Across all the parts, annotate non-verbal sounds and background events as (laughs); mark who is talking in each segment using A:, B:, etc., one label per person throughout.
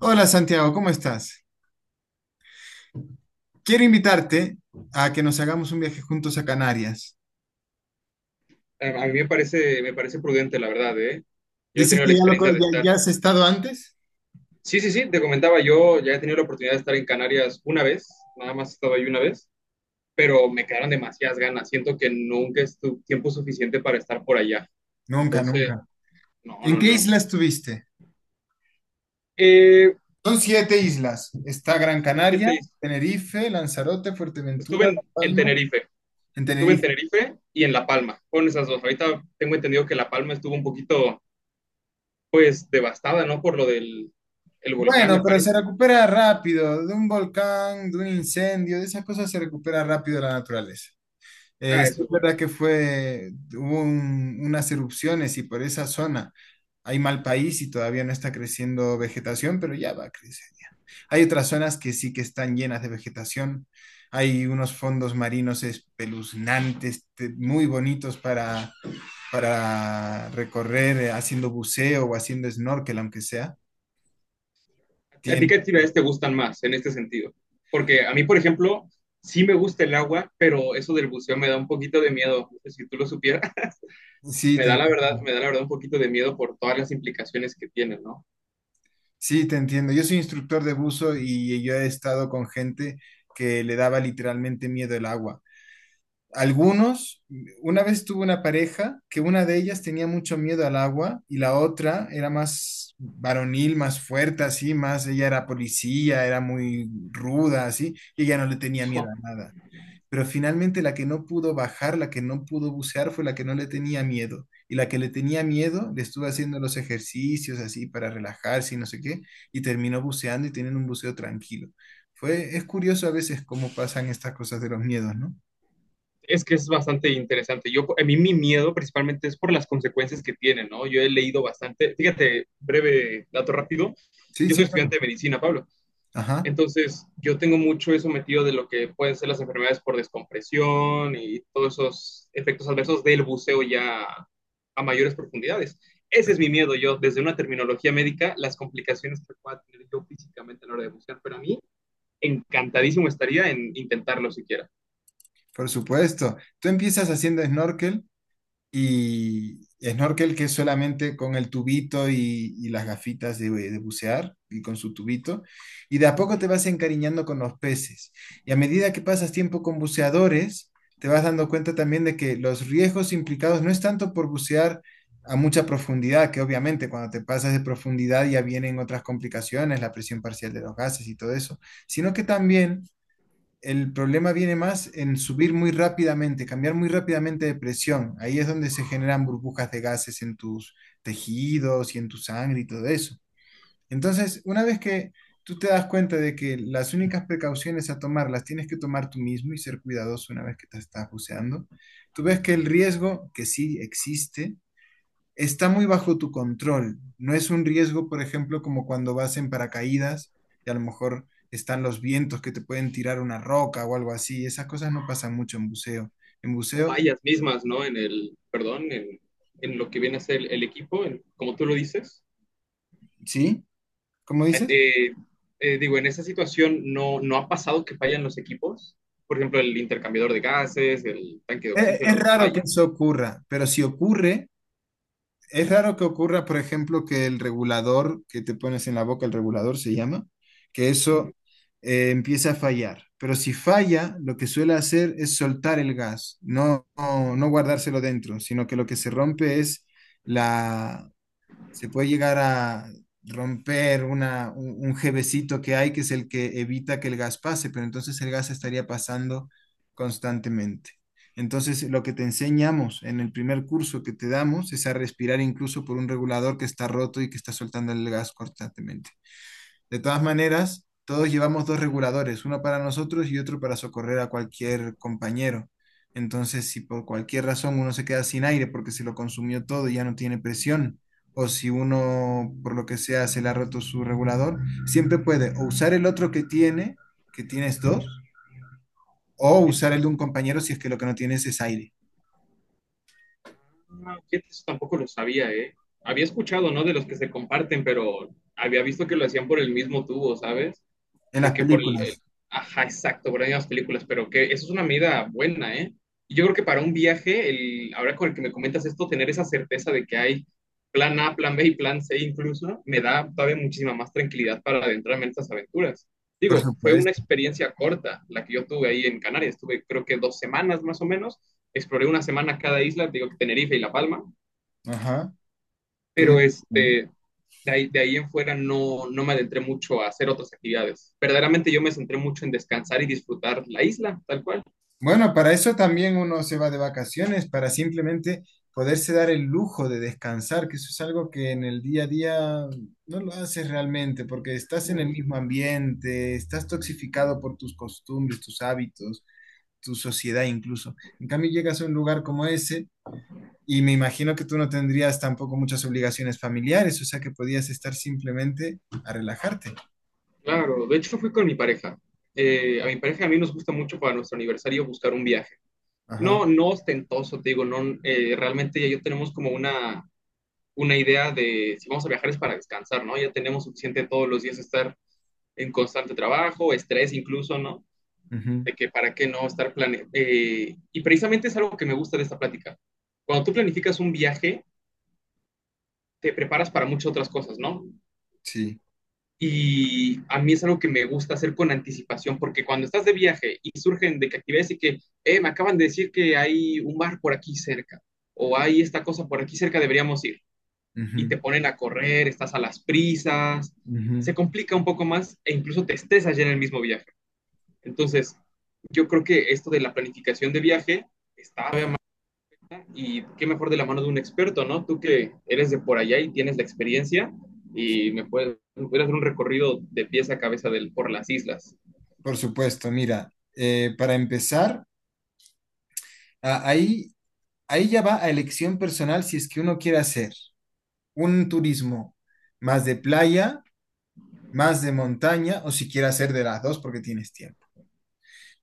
A: Hola Santiago, ¿cómo estás? Quiero invitarte a que nos hagamos un viaje juntos a Canarias.
B: A mí me parece prudente, la verdad, ¿eh? Yo he
A: ¿Dices
B: tenido
A: que
B: la
A: ya, lo, co-
B: experiencia de
A: ya,
B: estar.
A: ya has estado antes?
B: Sí, sí, sí, te comentaba, yo ya he tenido la oportunidad de estar en Canarias una vez, nada más he estado ahí una vez, pero me quedaron demasiadas ganas. Siento que nunca es tu tiempo suficiente para estar por allá.
A: Nunca,
B: Entonces,
A: nunca.
B: no,
A: ¿En
B: no,
A: qué
B: no.
A: isla estuviste?
B: Eh,
A: Son siete islas. Está Gran
B: son
A: Canaria,
B: siete islas.
A: Tenerife, Lanzarote, Fuerteventura,
B: Estuve
A: La
B: en
A: Palma,
B: Tenerife,
A: en
B: estuve en
A: Tenerife.
B: Tenerife y en La Palma, con esas dos. Ahorita tengo entendido que La Palma estuvo un poquito, pues, devastada, ¿no? Por lo del el volcán,
A: Bueno,
B: me
A: pero se
B: parece.
A: recupera rápido de un volcán, de un incendio, de esas cosas se recupera rápido la naturaleza.
B: Ah,
A: Sí,
B: eso
A: es
B: es bueno.
A: verdad que hubo unas erupciones y por esa zona hay mal país y todavía no está creciendo vegetación, pero ya va a crecer. Hay otras zonas que sí que están llenas de vegetación. Hay unos fondos marinos espeluznantes, muy bonitos para recorrer haciendo buceo o haciendo snorkel, aunque sea.
B: ¿A ti
A: Tiene,
B: qué actividades te gustan más en este sentido? Porque a mí, por ejemplo, sí me gusta el agua, pero eso del buceo me da un poquito de miedo. Si tú lo supieras, (laughs)
A: sí,
B: me da
A: te,
B: la verdad, me da la verdad un poquito de miedo por todas las implicaciones que tiene, ¿no?
A: sí, te entiendo. Yo soy instructor de buzo y yo he estado con gente que le daba literalmente miedo el agua. Algunos, una vez tuve una pareja que una de ellas tenía mucho miedo al agua y la otra era más varonil, más fuerte, así, más, ella era policía, era muy ruda, así, y ella no le tenía miedo a
B: (laughs)
A: nada. Pero finalmente la que no pudo bajar, la que no pudo bucear, fue la que no le tenía miedo. Y la que le tenía miedo le estuvo haciendo los ejercicios así para relajarse y no sé qué, y terminó buceando y teniendo un buceo tranquilo. Es curioso a veces cómo pasan estas cosas de los miedos, ¿no?
B: Es que es bastante interesante. A mí mi miedo principalmente es por las consecuencias que tiene, ¿no? Yo he leído bastante, fíjate, breve dato rápido,
A: Sí,
B: yo
A: sí,
B: soy estudiante
A: claro.
B: de medicina, Pablo.
A: Ajá,
B: Entonces, yo tengo mucho eso metido de lo que pueden ser las enfermedades por descompresión y todos esos efectos adversos del buceo ya a mayores profundidades. Ese es mi
A: claro,
B: miedo, yo, desde una terminología médica, las complicaciones que pueda tener yo físicamente a la hora de bucear, pero a mí encantadísimo estaría en intentarlo siquiera.
A: por supuesto. Tú empiezas haciendo snorkel y snorkel que es solamente con el tubito y las gafitas de bucear y con su tubito. Y de a poco
B: Ujú.
A: te vas encariñando con los peces. Y a medida que pasas tiempo con buceadores, te vas dando cuenta también de que los riesgos implicados no es tanto por bucear a mucha profundidad, que obviamente cuando te pasas de profundidad ya vienen otras complicaciones, la presión parcial de los gases y todo eso, sino que también el problema viene más en subir muy rápidamente, cambiar muy rápidamente de presión. Ahí es donde se generan burbujas de gases en tus tejidos y en tu sangre y todo eso. Entonces, una vez que tú te das cuenta de que las únicas precauciones a tomar las tienes que tomar tú mismo y ser cuidadoso una vez que te estás buceando, tú ves que el riesgo que sí existe está muy bajo tu control. No es un riesgo, por ejemplo, como cuando vas en paracaídas y a lo mejor están los vientos que te pueden tirar una roca o algo así. Esas cosas no pasan mucho en buceo. En
B: O
A: buceo,
B: fallas mismas, ¿no? En el, perdón, en lo que viene a ser el equipo, en, como tú lo dices,
A: ¿sí? ¿Cómo dices?
B: eh, digo, en esa situación no, no ha pasado que fallan los equipos. Por ejemplo, el intercambiador de gases, el tanque de
A: Es,
B: oxígeno no
A: raro que
B: falla.
A: eso ocurra, pero si ocurre, es raro que ocurra, por ejemplo, que el regulador que te pones en la boca, el regulador se llama, que eso
B: Ujú.
A: empiece a fallar. Pero si falla, lo que suele hacer es soltar el gas, no, no, no guardárselo dentro, sino que lo que se rompe es la, se puede llegar a romper una, un jevecito que hay, que es el que evita que el gas pase, pero entonces el gas estaría pasando constantemente. Entonces, lo que te enseñamos en el primer curso que te damos es a respirar incluso por un regulador que está roto y que está soltando el gas constantemente. De todas maneras, todos llevamos dos reguladores, uno para nosotros y otro para socorrer a cualquier compañero. Entonces, si por cualquier razón uno se queda sin aire porque se lo consumió todo y ya no tiene presión, o si uno, por lo que sea, se le ha roto su regulador, siempre puede o usar el otro que tiene, que tienes dos, o
B: Sí.
A: usar el de un compañero si es que lo que no tienes es aire.
B: No, fíjate, eso tampoco lo sabía, ¿eh? Había escuchado, ¿no? De los que se comparten, pero había visto que lo hacían por el mismo tubo, ¿sabes?
A: En
B: De
A: las
B: que
A: películas,
B: ajá, exacto, por las mismas películas, pero que eso es una medida buena, ¿eh? Y yo creo que para un viaje, ahora con el que me comentas esto, tener esa certeza de que hay plan A, plan B y plan C incluso, me da todavía muchísima más tranquilidad para adentrarme en estas aventuras.
A: por
B: Digo, fue una
A: supuesto.
B: experiencia corta la que yo tuve ahí en Canarias, estuve creo que 2 semanas más o menos, exploré una semana cada isla, digo que Tenerife y La Palma,
A: Ajá. Qué bien.
B: pero de ahí en fuera no, no me adentré mucho a hacer otras actividades. Verdaderamente yo me centré mucho en descansar y disfrutar la isla, tal cual.
A: Bueno, para eso también uno se va de vacaciones, para simplemente poderse dar el lujo de descansar, que eso es algo que en el día a día no lo haces realmente, porque estás en el mismo ambiente, estás toxificado por tus costumbres, tus hábitos, tu sociedad incluso. En cambio, llegas a un lugar como ese y me imagino que tú no tendrías tampoco muchas obligaciones familiares, o sea que podías estar simplemente a relajarte.
B: Claro, de hecho fui con mi pareja. A mi pareja y a mí nos gusta mucho para nuestro aniversario buscar un viaje.
A: Ajá,
B: No, no ostentoso, te digo, no, realmente ya yo tenemos como una idea de si vamos a viajar es para descansar, ¿no? Ya tenemos suficiente todos los días estar en constante trabajo, estrés incluso, ¿no?
A: ujú,
B: De que para qué no estar plane y precisamente es algo que me gusta de esta plática. Cuando tú planificas un viaje, te preparas para muchas otras cosas, ¿no?
A: sí.
B: Y a mí es algo que me gusta hacer con anticipación, porque cuando estás de viaje y surgen de que actividades y que, me acaban de decir que hay un bar por aquí cerca, o hay esta cosa por aquí cerca, deberíamos ir, y te
A: Ujú,
B: ponen a correr, estás a las prisas,
A: ujú.
B: se complica un poco más e incluso te estresas ya en el mismo viaje. Entonces, yo creo que esto de la planificación de viaje está. Y qué mejor de la mano de un experto, ¿no? Tú que eres de por allá y tienes la experiencia y me puedes hacer un recorrido de pies a cabeza por las islas.
A: Por supuesto, mira, para empezar, a- ahí, ahí ya va a elección personal si es que uno quiere hacer un turismo más de playa, más de montaña o si quiere hacer de las dos porque tienes tiempo.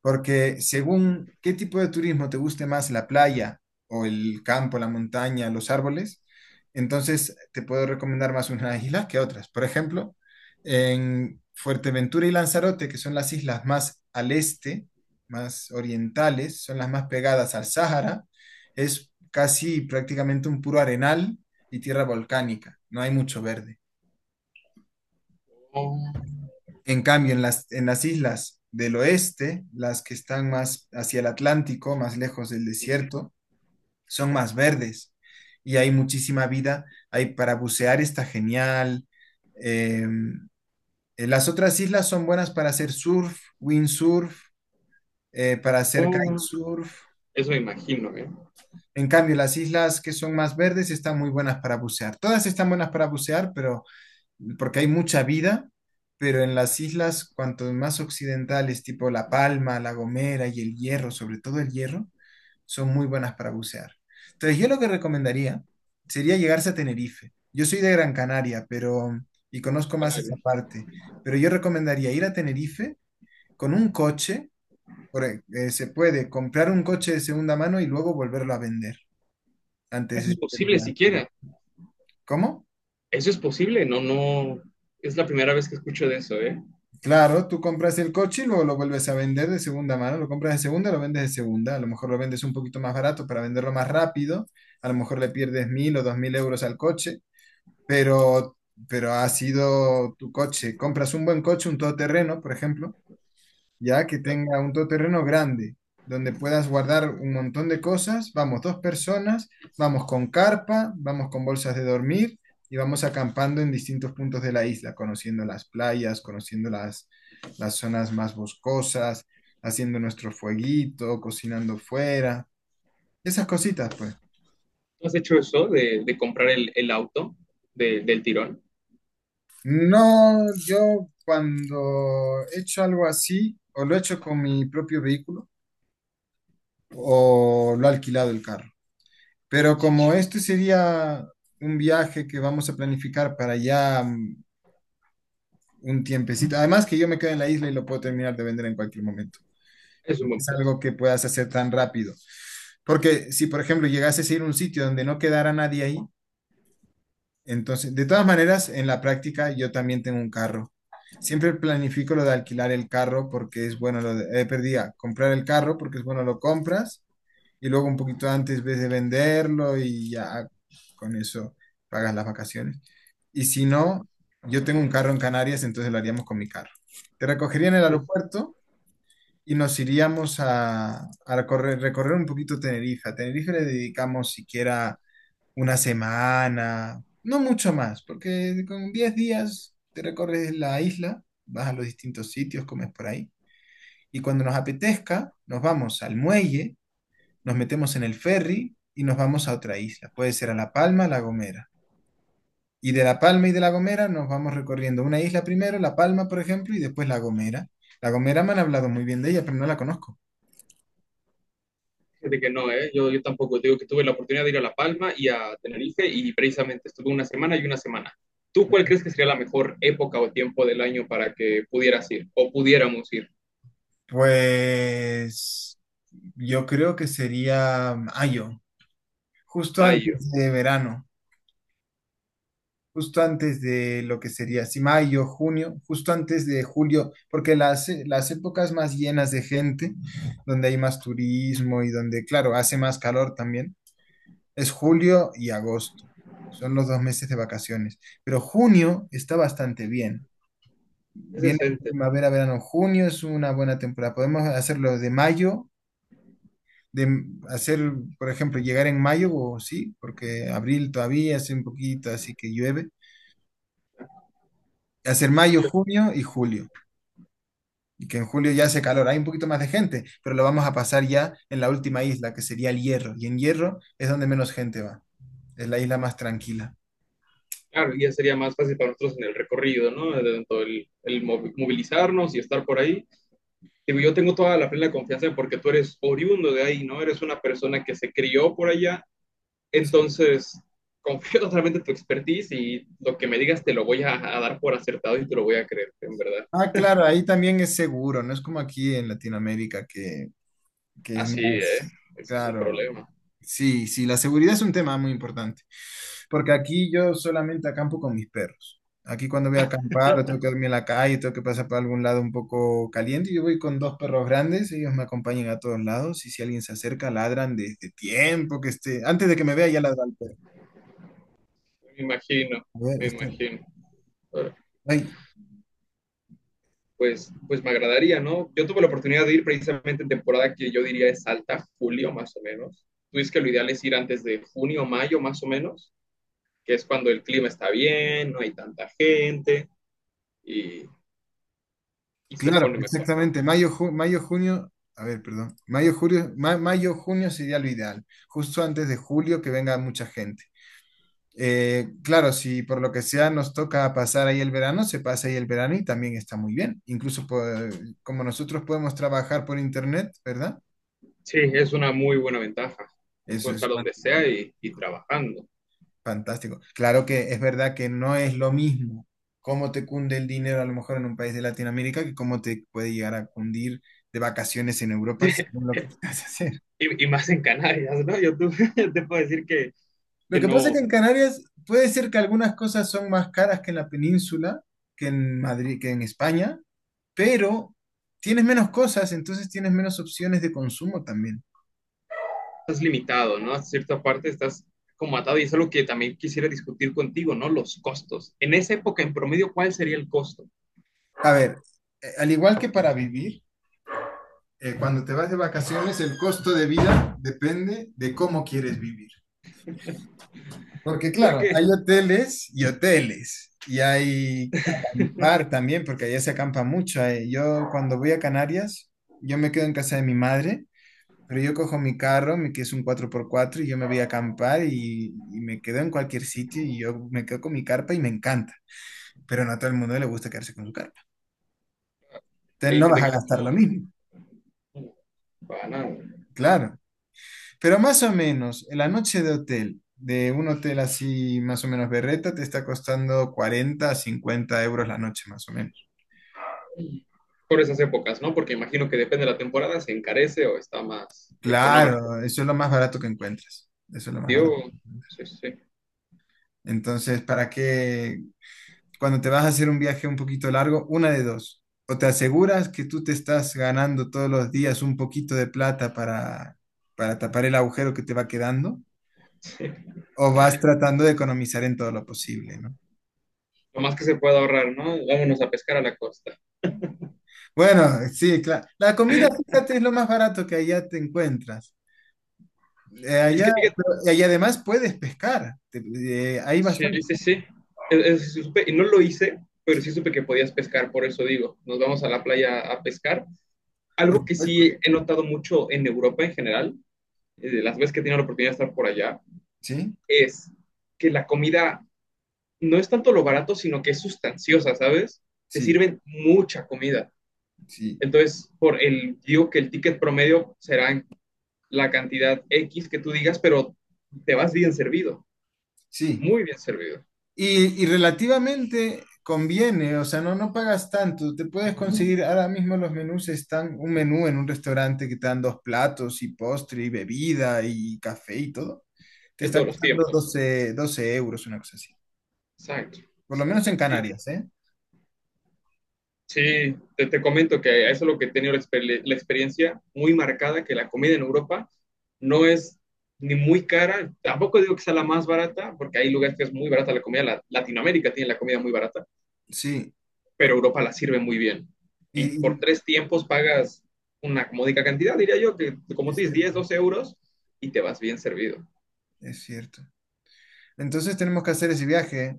A: Porque según qué tipo de turismo te guste más, la playa o el campo, la montaña, los árboles, entonces te puedo recomendar más unas islas (laughs) que otras. Por ejemplo, en Fuerteventura y Lanzarote, que son las islas más al este, más orientales, son las más pegadas al Sáhara, es casi prácticamente un puro arenal y tierra volcánica, no hay mucho verde.
B: Oh,
A: En cambio, en las islas del oeste, las que están más hacia el Atlántico, más lejos del desierto, son más verdes y hay muchísima vida. Hay para bucear está genial. Eh, las otras islas son buenas para hacer surf, windsurf, para hacer
B: oh,
A: kitesurf.
B: eso me imagino, ¿eh?
A: En cambio, las islas que son más verdes están muy buenas para bucear. Todas están buenas para bucear, pero porque hay mucha vida, pero en las islas, cuanto más occidentales, tipo La Palma, La Gomera y el Hierro, sobre todo el Hierro, son muy buenas para bucear. Entonces, yo lo que recomendaría sería llegarse a Tenerife. Yo soy de Gran Canaria, pero y conozco más esa parte, pero yo recomendaría ir a Tenerife con un coche, se puede comprar un coche de segunda mano y luego volverlo a vender antes
B: Eso
A: de
B: es posible
A: terminar.
B: siquiera.
A: ¿Cómo?
B: Eso es posible, no, no. Es la primera vez que escucho de eso, ¿eh?
A: Claro, tú compras el coche y luego lo vuelves a vender de segunda mano, lo compras de segunda, lo vendes de segunda, a lo mejor lo vendes un poquito más barato para venderlo más rápido, a lo mejor le pierdes 1.000 o 2.000 euros al coche, pero, pero ha sido tu coche. Compras un buen coche, un todoterreno, por ejemplo, ya que tenga un todoterreno grande, donde puedas guardar un montón de cosas. Vamos dos personas, vamos con carpa, vamos con bolsas de dormir y vamos acampando en distintos puntos de la isla, conociendo las playas, conociendo las zonas más boscosas, haciendo nuestro fueguito, cocinando fuera, esas cositas, pues.
B: ¿Tú has hecho eso de comprar el auto del tirón?
A: No, yo cuando he hecho algo así, o lo he hecho con mi propio vehículo, o lo he alquilado el carro. Pero como este sería un viaje que vamos a planificar para ya un tiempecito, además que yo me quedo en la isla y lo puedo terminar de vender en cualquier momento.
B: Es
A: No
B: un buen
A: es
B: punto.
A: algo que puedas hacer tan rápido. Porque si, por ejemplo, llegases a ir a un sitio donde no quedara nadie ahí, entonces, de todas maneras, en la práctica yo también tengo un carro. Siempre planifico lo de alquilar el carro porque es bueno, comprar el carro porque es bueno, lo compras y luego un poquito antes ves de venderlo y ya con eso pagas las vacaciones. Y si no, yo tengo un carro en Canarias, entonces lo haríamos con mi carro. Te recogería en el aeropuerto y nos iríamos a, recorrer, recorrer un poquito Tenerife. A Tenerife le dedicamos siquiera una semana, no mucho más, porque con 10 días te recorres la isla, vas a los distintos sitios, comes por ahí. Y cuando nos apetezca, nos vamos al muelle, nos metemos en el ferry y nos vamos a otra isla. Puede ser a La Palma, La Gomera. Y de La Palma y de La Gomera nos vamos recorriendo una isla primero, La Palma, por ejemplo, y después La Gomera. La Gomera me han hablado muy bien de ella, pero no la conozco.
B: Fíjate que no, ¿eh? Yo tampoco. Digo que tuve la oportunidad de ir a La Palma y a Tenerife y precisamente estuve una semana y una semana. ¿Tú cuál crees que sería la mejor época o tiempo del año para que pudieras ir o pudiéramos ir?
A: Pues yo creo que sería mayo, justo
B: Mayo,
A: antes de verano, justo antes de lo que sería, si mayo, junio, justo antes de julio, porque las épocas más llenas de gente, donde hay más turismo y donde, claro, hace más calor también es julio y agosto. Son los 2 meses de vacaciones. Pero junio está bastante bien.
B: es
A: Viene
B: decente.
A: primavera, verano, junio es una buena temporada. Podemos hacerlo de mayo, de hacer, por ejemplo, llegar en mayo, o sí, porque abril todavía hace un poquito, así que llueve. Hacer mayo,
B: Julio,
A: junio y julio. Y que en julio ya hace calor. Hay un poquito más de gente, pero lo vamos a pasar ya en la última isla, que sería el Hierro. Y en Hierro es donde menos gente va. Es la isla más tranquila.
B: claro, ya sería más fácil para nosotros en el recorrido, ¿no? Tanto el movilizarnos y estar por ahí. Digo, yo tengo toda la plena confianza porque tú eres oriundo de ahí, ¿no? Eres una persona que se crió por allá. Entonces, confío (laughs) totalmente en tu expertise y lo que me digas te lo voy a dar por acertado y te lo voy a creer, en verdad.
A: Ah, claro, ahí también es seguro, no es como aquí en Latinoamérica que, es
B: Así, ¿eh?
A: más,
B: Ese es un
A: claro.
B: problema.
A: Sí, sí, la seguridad es un tema muy importante, porque aquí yo solamente acampo con mis perros. Aquí cuando voy a acampar, o tengo que dormir en la calle, tengo que pasar por algún lado un poco caliente, yo voy con dos perros grandes, ellos me acompañan a todos lados y si alguien se acerca, ladran desde tiempo que esté, antes de que me vea ya ladra el perro.
B: Me imagino,
A: A ver,
B: me imagino. Ahora,
A: ay,
B: pues me agradaría, ¿no? Yo tuve la oportunidad de ir precisamente en temporada que yo diría es alta, julio más o menos. Tú dices que lo ideal es ir antes de junio, mayo más o menos, que es cuando el clima está bien, no hay tanta gente y, y se
A: claro,
B: pone mejor, ¿no?
A: exactamente. Mayo, mayo, junio, a ver, perdón. Mayo, julio, mayo, junio sería lo ideal. Justo antes de julio que venga mucha gente. Claro, si por lo que sea nos toca pasar ahí el verano, se pasa ahí el verano y también está muy bien. Incluso como nosotros podemos trabajar por internet, ¿verdad?
B: Sí, es una muy buena ventaja.
A: Eso
B: Puedo
A: es,
B: estar donde sea
A: fantástico.
B: y trabajando.
A: Fantástico. Claro que es verdad que no es lo mismo cómo te cunde el dinero a lo mejor en un país de Latinoamérica que cómo te puede llegar a cundir de vacaciones en Europa según lo que (laughs) quieras hacer.
B: Y más en Canarias, ¿no? (laughs) Yo te puedo decir que,
A: Lo
B: que
A: que pasa es
B: no
A: que en Canarias puede ser que algunas cosas son más caras que en la península, que en Madrid, que en España, pero tienes menos cosas, entonces tienes menos opciones de consumo también.
B: estás limitado, ¿no? A cierta parte estás como atado y es algo que también quisiera discutir contigo, ¿no? Los costos. En esa época, en promedio, ¿cuál sería el costo? (laughs)
A: A ver, al igual que para vivir, cuando te vas de vacaciones, el costo de vida depende de cómo quieres vivir. Porque claro,
B: Que
A: hay hoteles y hoteles, y hay acampar también, porque allá se acampa mucho ahí. Yo cuando voy a Canarias, yo me quedo en casa de mi madre, pero yo cojo mi carro, que es un 4x4 y yo me voy a acampar y me quedo en cualquier sitio y yo me quedo con mi carpa y me encanta. Pero no a todo el mundo le gusta quedarse con su carpa. Entonces
B: hay
A: no vas
B: gente
A: a
B: que le
A: gastar lo
B: incomoda,
A: mismo,
B: ¿no? Para nada.
A: claro. Pero más o menos, en la noche de hotel, de un hotel así más o menos berreta, te está costando cuarenta, a 50 euros la noche más o menos.
B: Por esas épocas, ¿no? Porque imagino que depende de la temporada, se encarece o está más económico.
A: Claro, eso es lo más barato que encuentras. Eso es lo más barato.
B: Yo, sí, sí.
A: Entonces, ¿para qué? Cuando te vas a hacer un viaje un poquito largo, una de dos. O te aseguras que tú te estás ganando todos los días un poquito de plata para tapar el agujero que te va quedando,
B: (laughs)
A: o vas tratando de economizar en todo lo posible, ¿no?
B: Lo más que se pueda ahorrar, ¿no? Vámonos a pescar a la costa.
A: Bueno, sí, claro. La comida, fíjate, es lo más barato que allá te encuentras.
B: Y es
A: Allá,
B: que fíjate,
A: y además puedes pescar. Hay
B: sí,
A: bastante,
B: sí, sí. Sí supe- y no lo hice, pero sí supe que podías pescar, por eso digo, nos vamos a la playa a pescar.
A: por
B: Algo que
A: supuesto.
B: sí he notado mucho en Europa en general, de las veces que he tenido la oportunidad de estar por allá,
A: Sí,
B: es que la comida no es tanto lo barato, sino que es sustanciosa, ¿sabes? Te
A: sí,
B: sirven mucha comida.
A: sí.
B: Entonces, digo que el ticket promedio será la cantidad X que tú digas, pero te vas bien servido.
A: Sí,
B: Muy bien servido
A: y relativamente conviene, o sea, no, no pagas tanto, te puedes conseguir, ahora mismo los menús están, un menú en un restaurante que te dan dos platos y postre y bebida y café y todo, te
B: en
A: está
B: todos los
A: costando
B: tiempos.
A: doce euros, una cosa así,
B: Exacto,
A: por lo menos
B: exacto.
A: en
B: Digo,
A: Canarias, ¿eh?
B: sí, te comento que eso es lo que he tenido la experiencia muy marcada, que la comida en Europa no es ni muy cara, tampoco digo que sea la más barata, porque hay lugares que es muy barata la comida, Latinoamérica tiene la comida muy barata,
A: Sí,
B: pero Europa la sirve muy bien.
A: y,
B: Y por
A: y
B: tres tiempos pagas una módica cantidad, diría yo, que como tú
A: es
B: dices, 10,
A: cierto,
B: 12 euros y te vas bien servido.
A: es cierto. Entonces tenemos que hacer ese viaje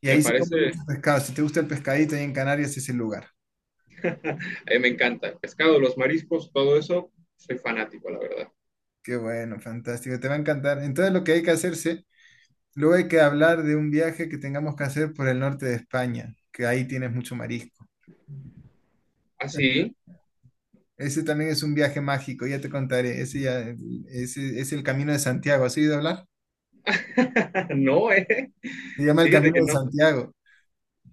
A: y
B: Me
A: ahí se come mucho
B: parece.
A: pescado, si te gusta el pescadito ahí en Canarias es el lugar.
B: A mí me encanta el pescado, los mariscos, todo eso. Soy fanático, la verdad.
A: Qué bueno, fantástico, te va a encantar. Entonces lo que hay que hacerse. Luego hay que hablar de un viaje que tengamos que hacer por el norte de España, que ahí tienes mucho marisco.
B: Así,
A: Ese también es un viaje mágico, ya te contaré. Ese, ya, ese es el Camino de Santiago. ¿Has oído hablar?
B: (laughs) no, ¿eh?
A: Se llama el
B: Fíjate
A: Camino
B: que
A: de
B: no.
A: Santiago.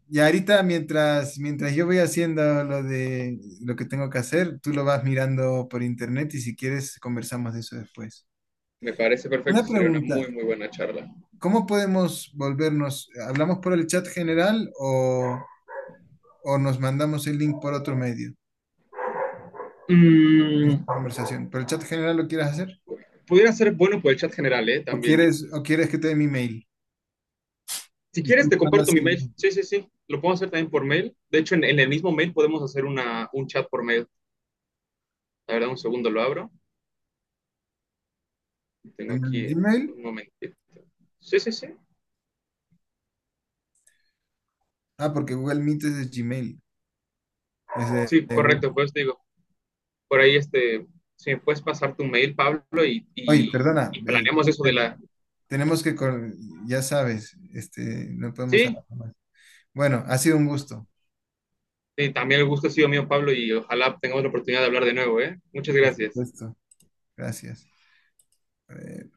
A: Y ahorita, mientras, mientras yo voy haciendo lo de lo que tengo que hacer, tú lo vas mirando por internet y si quieres conversamos de eso después.
B: Me parece
A: Una
B: perfecto, sería una
A: pregunta,
B: muy, muy buena charla.
A: ¿cómo podemos volvernos? ¿Hablamos por el chat general o nos mandamos el link por otro medio?
B: Mm,
A: Conversación. ¿Pero el chat general lo quieres hacer?
B: pudiera ser bueno por el chat general, ¿eh? También.
A: O quieres que te dé mi mail?
B: Si
A: Y
B: quieres,
A: tú
B: te
A: mandas
B: comparto mi
A: el,
B: mail. Sí, sí, sí. Lo puedo hacer también por mail. De hecho, en el mismo mail podemos hacer un chat por mail. La verdad, un segundo lo abro. Tengo
A: en el
B: aquí
A: Gmail.
B: un momentito. Sí, sí, sí.
A: Ah, porque Google Meet es de Gmail. Es
B: Sí,
A: de Google.
B: correcto, pues digo. Por ahí, si me puedes pasar tu mail, Pablo, y,
A: Oye,
B: y,
A: perdona.
B: y planeamos eso de la...
A: Tenemos que, ya sabes, este, no podemos
B: Sí,
A: hablar más. Bueno, ha sido un gusto,
B: sí, también el gusto ha sido mío, Pablo, y ojalá tengamos la oportunidad de hablar de nuevo, ¿eh? Muchas
A: por
B: gracias.
A: supuesto. Gracias. Eh,